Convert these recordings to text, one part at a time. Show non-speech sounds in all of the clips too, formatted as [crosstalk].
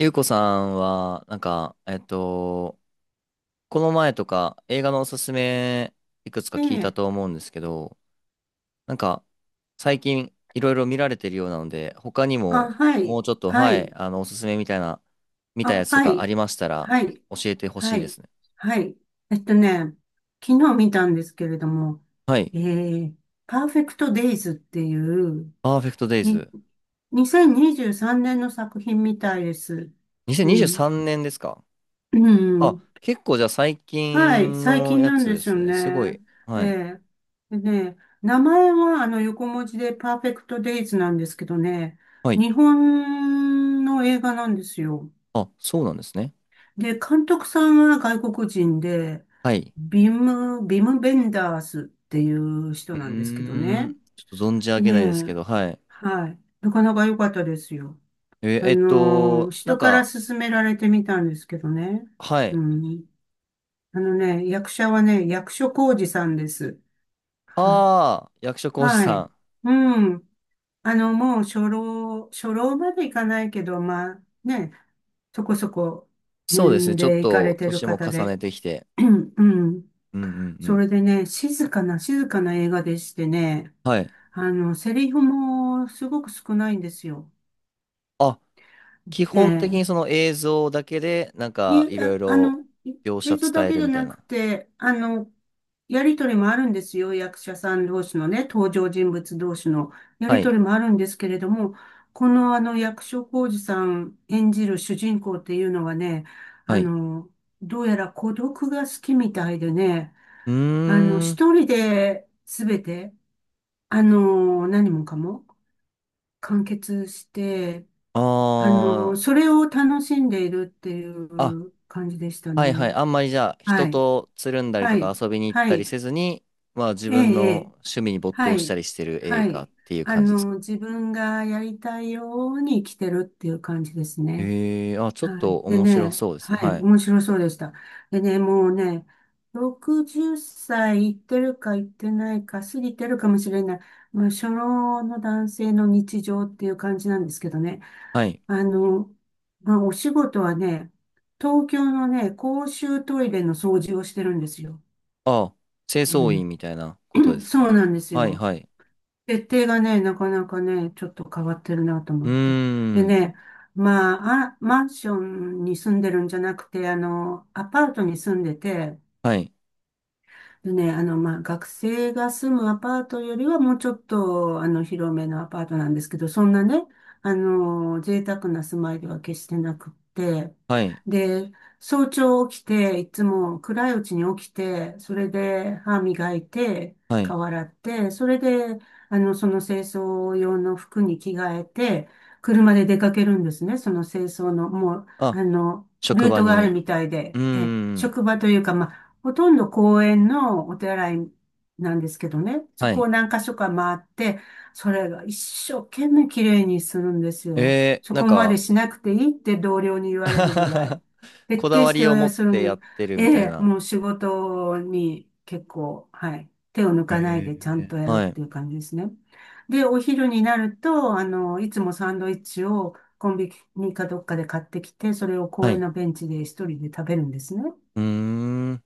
ゆうこさんは、この前とか映画のおすすめいくつかえ聞いたえ、と思うんですけど、なんか、最近いろいろ見られてるようなので、他にあ、もはもい、うちょっと、ははい、い、おすすめみたいな、見たやあ、つとはかあい、りましたらはい、教えてほはしいでい、すね。はい。えっとね、昨日見たんですけれども、はい。えー、パーフェクトデイズっていう、パーフェクトデイに、ズ。2023年の作品みたいです。う2023ん。年ですか？うあ、ん。結構じゃあ最はい、近最の近やなんつでですよすね。すごね。い。えはい。え。でね、名前は横文字でパーフェクトデイズなんですけどね、はい。日本の映画なんですよ。あ、そうなんですね。で、監督さんは外国人で、はい。ビム・ベンダースっていう人うなんですけどーね。ん。ちょっと存じ上げねないですえ、けど、はい。はい。なかなか良かったですよ。え、えっと、な人んからか、勧められてみたんですけどね。はうい。ん。あのね、役者はね、役所広司さんです。は、ああ、役所広司はさい。ん。うん。もう初老までいかないけど、まあね、そこそこそうです年ね。ちょっ齢いかれと、てる年も方重ねで、てきて。[clears throat] うん。うんうんうそん。れでね、静かな映画でしてね、はい。セリフもすごく少ないんですよ。あ、基え本的え。にその映像だけで、に、いろあいあろの、い描映写像だ伝えけるじゃみたいなくな。て、やりとりもあるんですよ。役者さん同士のね、登場人物同士のやはりとい。りもあるんですけれども、この役所広司さん演じる主人公っていうのはね、はあい。の、どうやら孤独が好きみたいでね、うーん。一人で全てあの、何もかも完結して、ああ。それを楽しんでいるっていあ、う感じでしたはいはい。ね。あんまりじゃあ、人はい。とつるんだりはとかい。遊びに行っはたりい。せずに、まあ自ええ、分えのえ。趣味に没は頭したい。りしてるは映画い。っていう感じですか？自分がやりたいように生きてるっていう感じですね。ええー、あ、ちょっはとい。で面白ね、そうですはね。い、はい。面白そうでした。でね、もうね、60歳いいってるかいってないか、過ぎてるかもしれない、まあ、初老の男性の日常っていう感じなんですけどね。はい。あの、まあ、お仕事はね、東京のね、公衆トイレの掃除をしてるんですよ。あ、清掃員みたういなことでん、すそか？うなんですはいよ。はい。設定がね、なかなかね、ちょっと変わってるなとう思ーって。でん。ね、まマンションに住んでるんじゃなくて、アパートに住んでて、はい。でね、まあ、学生が住むアパートよりはもうちょっと、広めのアパートなんですけど、そんなね、贅沢な住まいでは決してなくって、はい。で、早朝起きて、いつも暗いうちに起きて、それで歯磨いて、はい。顔洗って、それで、その清掃用の服に着替えて、車で出かけるんですね、その清掃の、もう、あ、あの、職ルー場トがあるに。みたいで、うーえ、ん。職場というか、まあほとんど公園のお手洗いなんですけどね、そはこい。を何箇所か回って、それが一生懸命綺麗にするんですよ。えー、そなんこまでか しなくていいって同僚に言われるぐらい。[laughs] 徹こだ底わしりを持てっするてんやで、ってるえみたいえ、な。もう仕事に結構、はい、手を抜かないへでちゃんとやーるっはい。ていう感じですね。で、お昼になると、いつもサンドイッチをコンビニかどっかで買ってきて、それをは公園い。のベンチで一人で食べるんですね。うーん。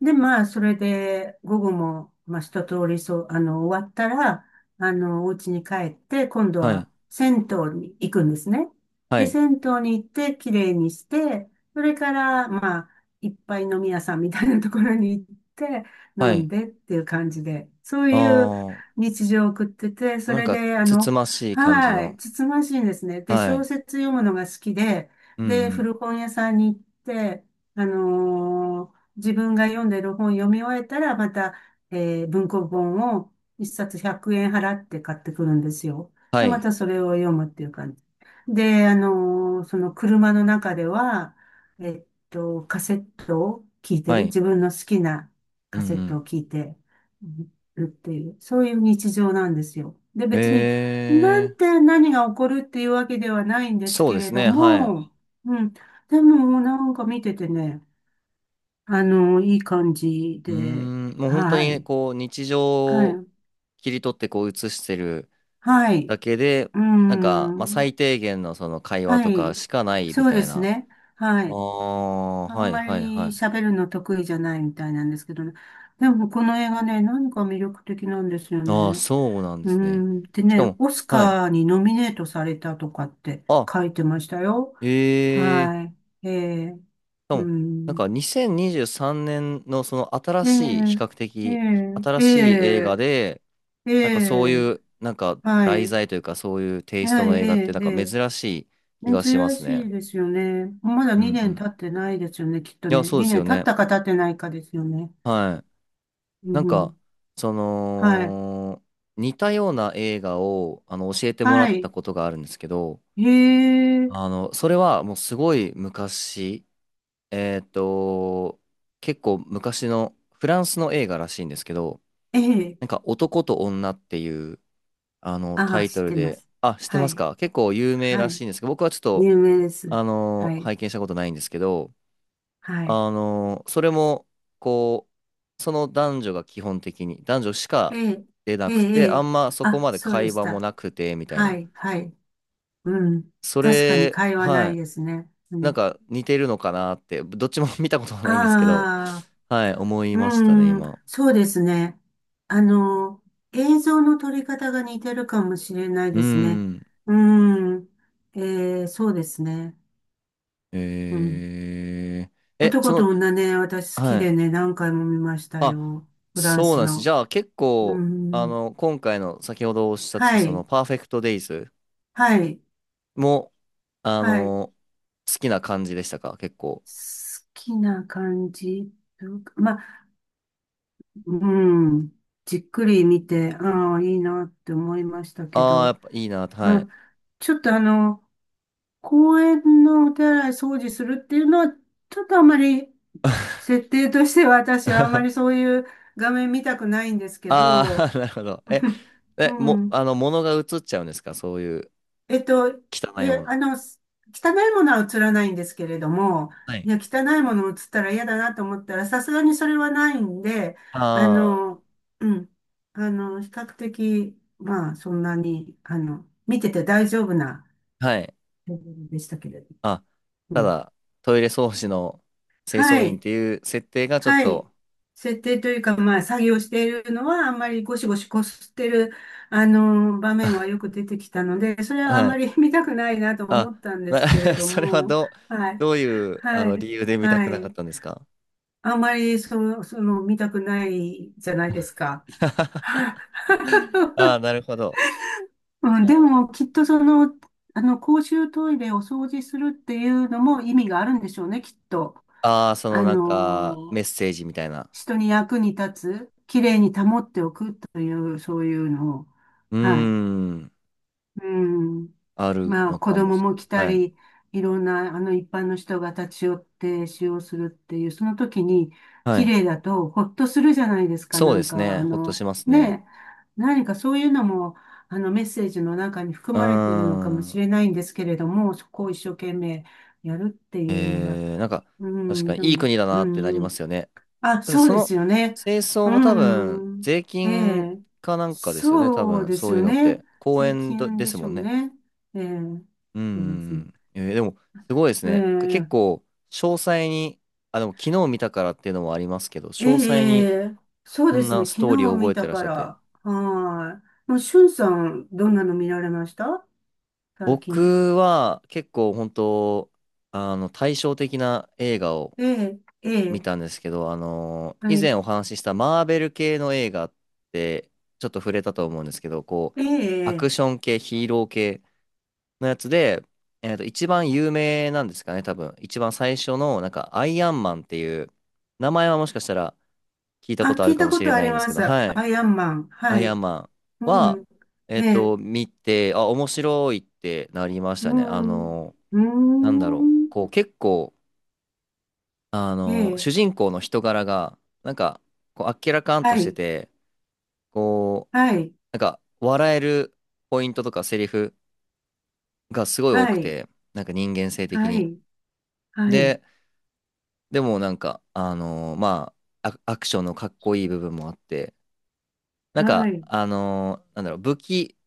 で、まあ、それで、午後も、まあ、一通り、終わったら、お家に帰って、今度はい。は銭湯に行くんですね。はで、い。銭湯に行って、綺麗にして、それから、まあ、いっぱい飲み屋さんみたいなところに行って、飲はんい。でっていう感じで、そういうあ日常を送ってて、それで、つつましい感じはい、の。つつましいんですね。で、は小い。説読むのが好きで、うんで、うん。古本屋さんに行って、あのー自分が読んでる本読み終えたら、また、文庫本を一冊100円払って買ってくるんですよ。はで、まい。たそれを読むっていう感じ。で、その車の中では、カセットを聞いてはる。い。自分の好きなうカセんうットをん。聞いてるっていう、そういう日常なんですよ。で、え別に、なえ、んて何が起こるっていうわけではないんですそうけでれすどね。はい。うも、うん。でも、なんか見ててね、いい感じーで、ん、もう本当はに、い。こう、日常はをい。切り取って、こう、映してるはい。だけで、うーまあ、ん。最低限のその会話はとかい。しかないみそうたでいすな。ね。はあい。あ、あはんいまはいはりい。喋るの得意じゃないみたいなんですけどね。でも、この映画ね、何か魅力的なんですよああ、ね。そうなんでうーすね。ん。でしかね、も、オスはい。カーにノミネートされたとかってあ、書いてましたよ。ええはい。ええ。かうも、なんん。か2023年のその新しい、比較ええ。的新えしい映画え。で、ええ。えなんかそういえ。う、なんかは題い。材というかそういうテイストはい、えの映画ってえ、なんえかえ。珍しい気がしま珍すね。しいですよね。まだうんう2年ん。経ってないですよね、きっといや、ね。そうです2よ年経っね。たか経ってないかですよね。はい。うなんんうか、ん。そはい。の、似たような映画をあの教えてもらはったい。ことがあるんですけど、へえ、あの、それはもうすごい昔、えっと、結構昔のフランスの映画らしいんですけど、ええ。なんか男と女っていう、あの、あタあ、イ知トっルてまで、す。あ、知ってはますい。か？結構有名らはしい。いんですけど、僕はちょっと、有名です。あの、はい。拝見したことないんですけど、はい。あの、それも、こう、その男女が基本的に、男女しえかえ、出なええ、くて、えあえ。んまそこあ、までそうで会し話もた。なくて、みたいはな。い、はい。うん。そ確かにれ、会話なはいい。ですね。うなんん。か似てるのかなって、どっちも [laughs] 見たことはないんですけど、ああ。はい、思いましたね、うん、今。そうですね。あの、映像の撮り方が似てるかもしれないうーですね。ん。うん、そうですね。うん。えー、え、そ男との、女ね、私好きはでい。ね、何回も見ましたあ、よ。フランそうスなんです。じの。ゃあ結う構、あん。の、今回の先ほどおっしゃってたはそい、のパーフェクトデイズはい、も、あはい。好の、好きな感じでしたか結構？きな感じ。まあ、うん。じっくり見て、ああ、いいなって思いましたけああ、やど。っぱいいな、はまあ、い。ちょっとあの、公園のお手洗い掃除するっていうのは、ちょっとあまり、設定としては私はあまりそ [laughs] ういう画面見たくないんですけあど、あ、[laughs] なるほど。[laughs] うん。あの、物が映っちゃうんですかそういうえっと、汚いもの？汚いものは映らないんですけれども、はいい。や、汚いもの映ったら嫌だなと思ったら、さすがにそれはないんで、ああの、うん。比較的、まあ、そんなに、見てて大丈夫なあ、はい。レベルでしたけれど。あ、うたん。だ、トイレ掃除の清は掃員っい。ていう設定がちょっはい。と、設定というか、まあ、作業しているのは、あんまりゴシゴシこすってる、場面はよ [laughs] く出てきたので、それはあんはまい。り [laughs] 見たくないなとあ、思ったんでな すけれ [laughs]、どそれはも、どう、はい。どういう、あはの、理い。由で見たはくなかっい。たんですか？ あんまり、見たくないじゃないですか。[laughs] [laughs] はあいあ、なるほど。うん、でも、きっとその、あの、公衆トイレを掃除するっていうのも意味があるんでしょうね、きっと。ああ、そのあなんか、メッのーセージみたいな。人に役に立つ、きれいに保っておくという、そういうのを、うーはい。ん、うん。あるまあ、の子かも供しもれ来なたい。はい。り、いろんな、一般の人が立ち寄って使用するっていう、その時に、はきい。れいだと、ほっとするじゃないですか、そうですね。ほっとしますね。何かそういうのも、メッセージの中に含うーまれているのかもしん。れないんですけれども、そこを一生懸命やるっていうのが、えー、なんか、う確ん、かでにいいも、国だなってなりうまん、すよね。あ、そうそですの、よね。清掃うも多分、ん。税え金え。かなんかですよね。多そう分、ですそうよいうのっね。て。公税園ど金でですしもょんうね。ね。ええ。うんそうですうね。んうん。えーでも、すごいですね。結え構、詳細に、あ、でも昨日見たからっていうのもありますけど、え。詳細えに、え。そうそでんすなね。ス昨トーリー日を覚見えてたらっしかゃって。ら。はい。もう、しゅんさん、どんなの見られました最近。僕は、結構、あの、対照的な映画をええ。え見え。たんですけど、は以前い。お話ししたマーベル系の映画って、ちょっと触れたと思うんですけど、こう、えアクえ。ション系、ヒーロー系、のやつで、えっと、一番有名なんですかね、多分。一番最初の、なんか、アイアンマンっていう、名前はもしかしたら聞いたこあ、とあ聞るいかたもこしれとあなりいんですまけど、す。はい。アイアンマン。アはイアンい。マンうは、ん。ええっえ。と、見て、あ、面白いってなりましうたね。あん。うの、ーなんだろう。ん。こう、結構、あえの、主え。人公の人柄が、なんか、こう、あっけらかんとはしてい。て、こう、はい、なんか、笑えるポイントとかセリフがすごい多はくい、て、なんか人間性的はに。い、はい、ででもなんか、まあ、アクションのかっこいい部分もあって、なんはか、い、なんだろう、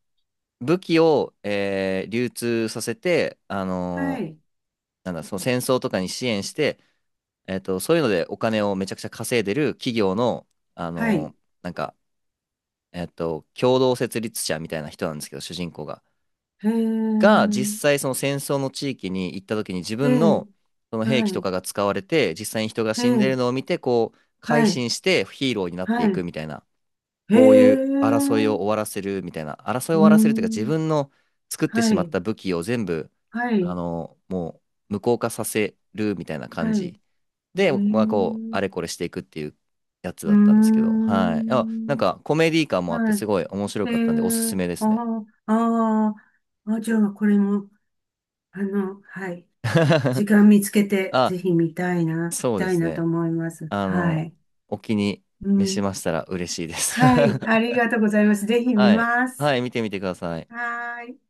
武器を、えー流通させて、はい、なんだ、その戦争とかに支援して、えっと、そういうのでお金をめちゃくちゃ稼いでる企業の、あはのい、ーなんか、えっと、共同設立者みたいな人なんですけど、主人公が。へが実ー、際その戦争の地域に行った時に自え分ー、のその兵器はとい、かが使われて実際に人がえ死んでるー、のを見てこう改はい、心してヒーローになっはていくい、みたいなへこういう争いをー、終わらせるみたいな争いうを終わーらせるというか自ん、分の作ってしはまっい、た武器を全部はあい、のもう無効化させるみたいな感はい、じへで、まあ、こうー、あれこれしていくっていうやつうだーったんですけどはいあなんん、かコメディ感もあってはすい、ごい面白えかったんでおすすー、めであすね ー、あじゃあこれも、はい、時 [laughs] 間見つけて、ぜあひ見たいな、見そうでたいすなとね思います。あはの、い。お気にう召しんましたら嬉しいです。はい。あり [laughs] がとうございます。ぜひ見はい。ます。はい、見てみてください。はーい。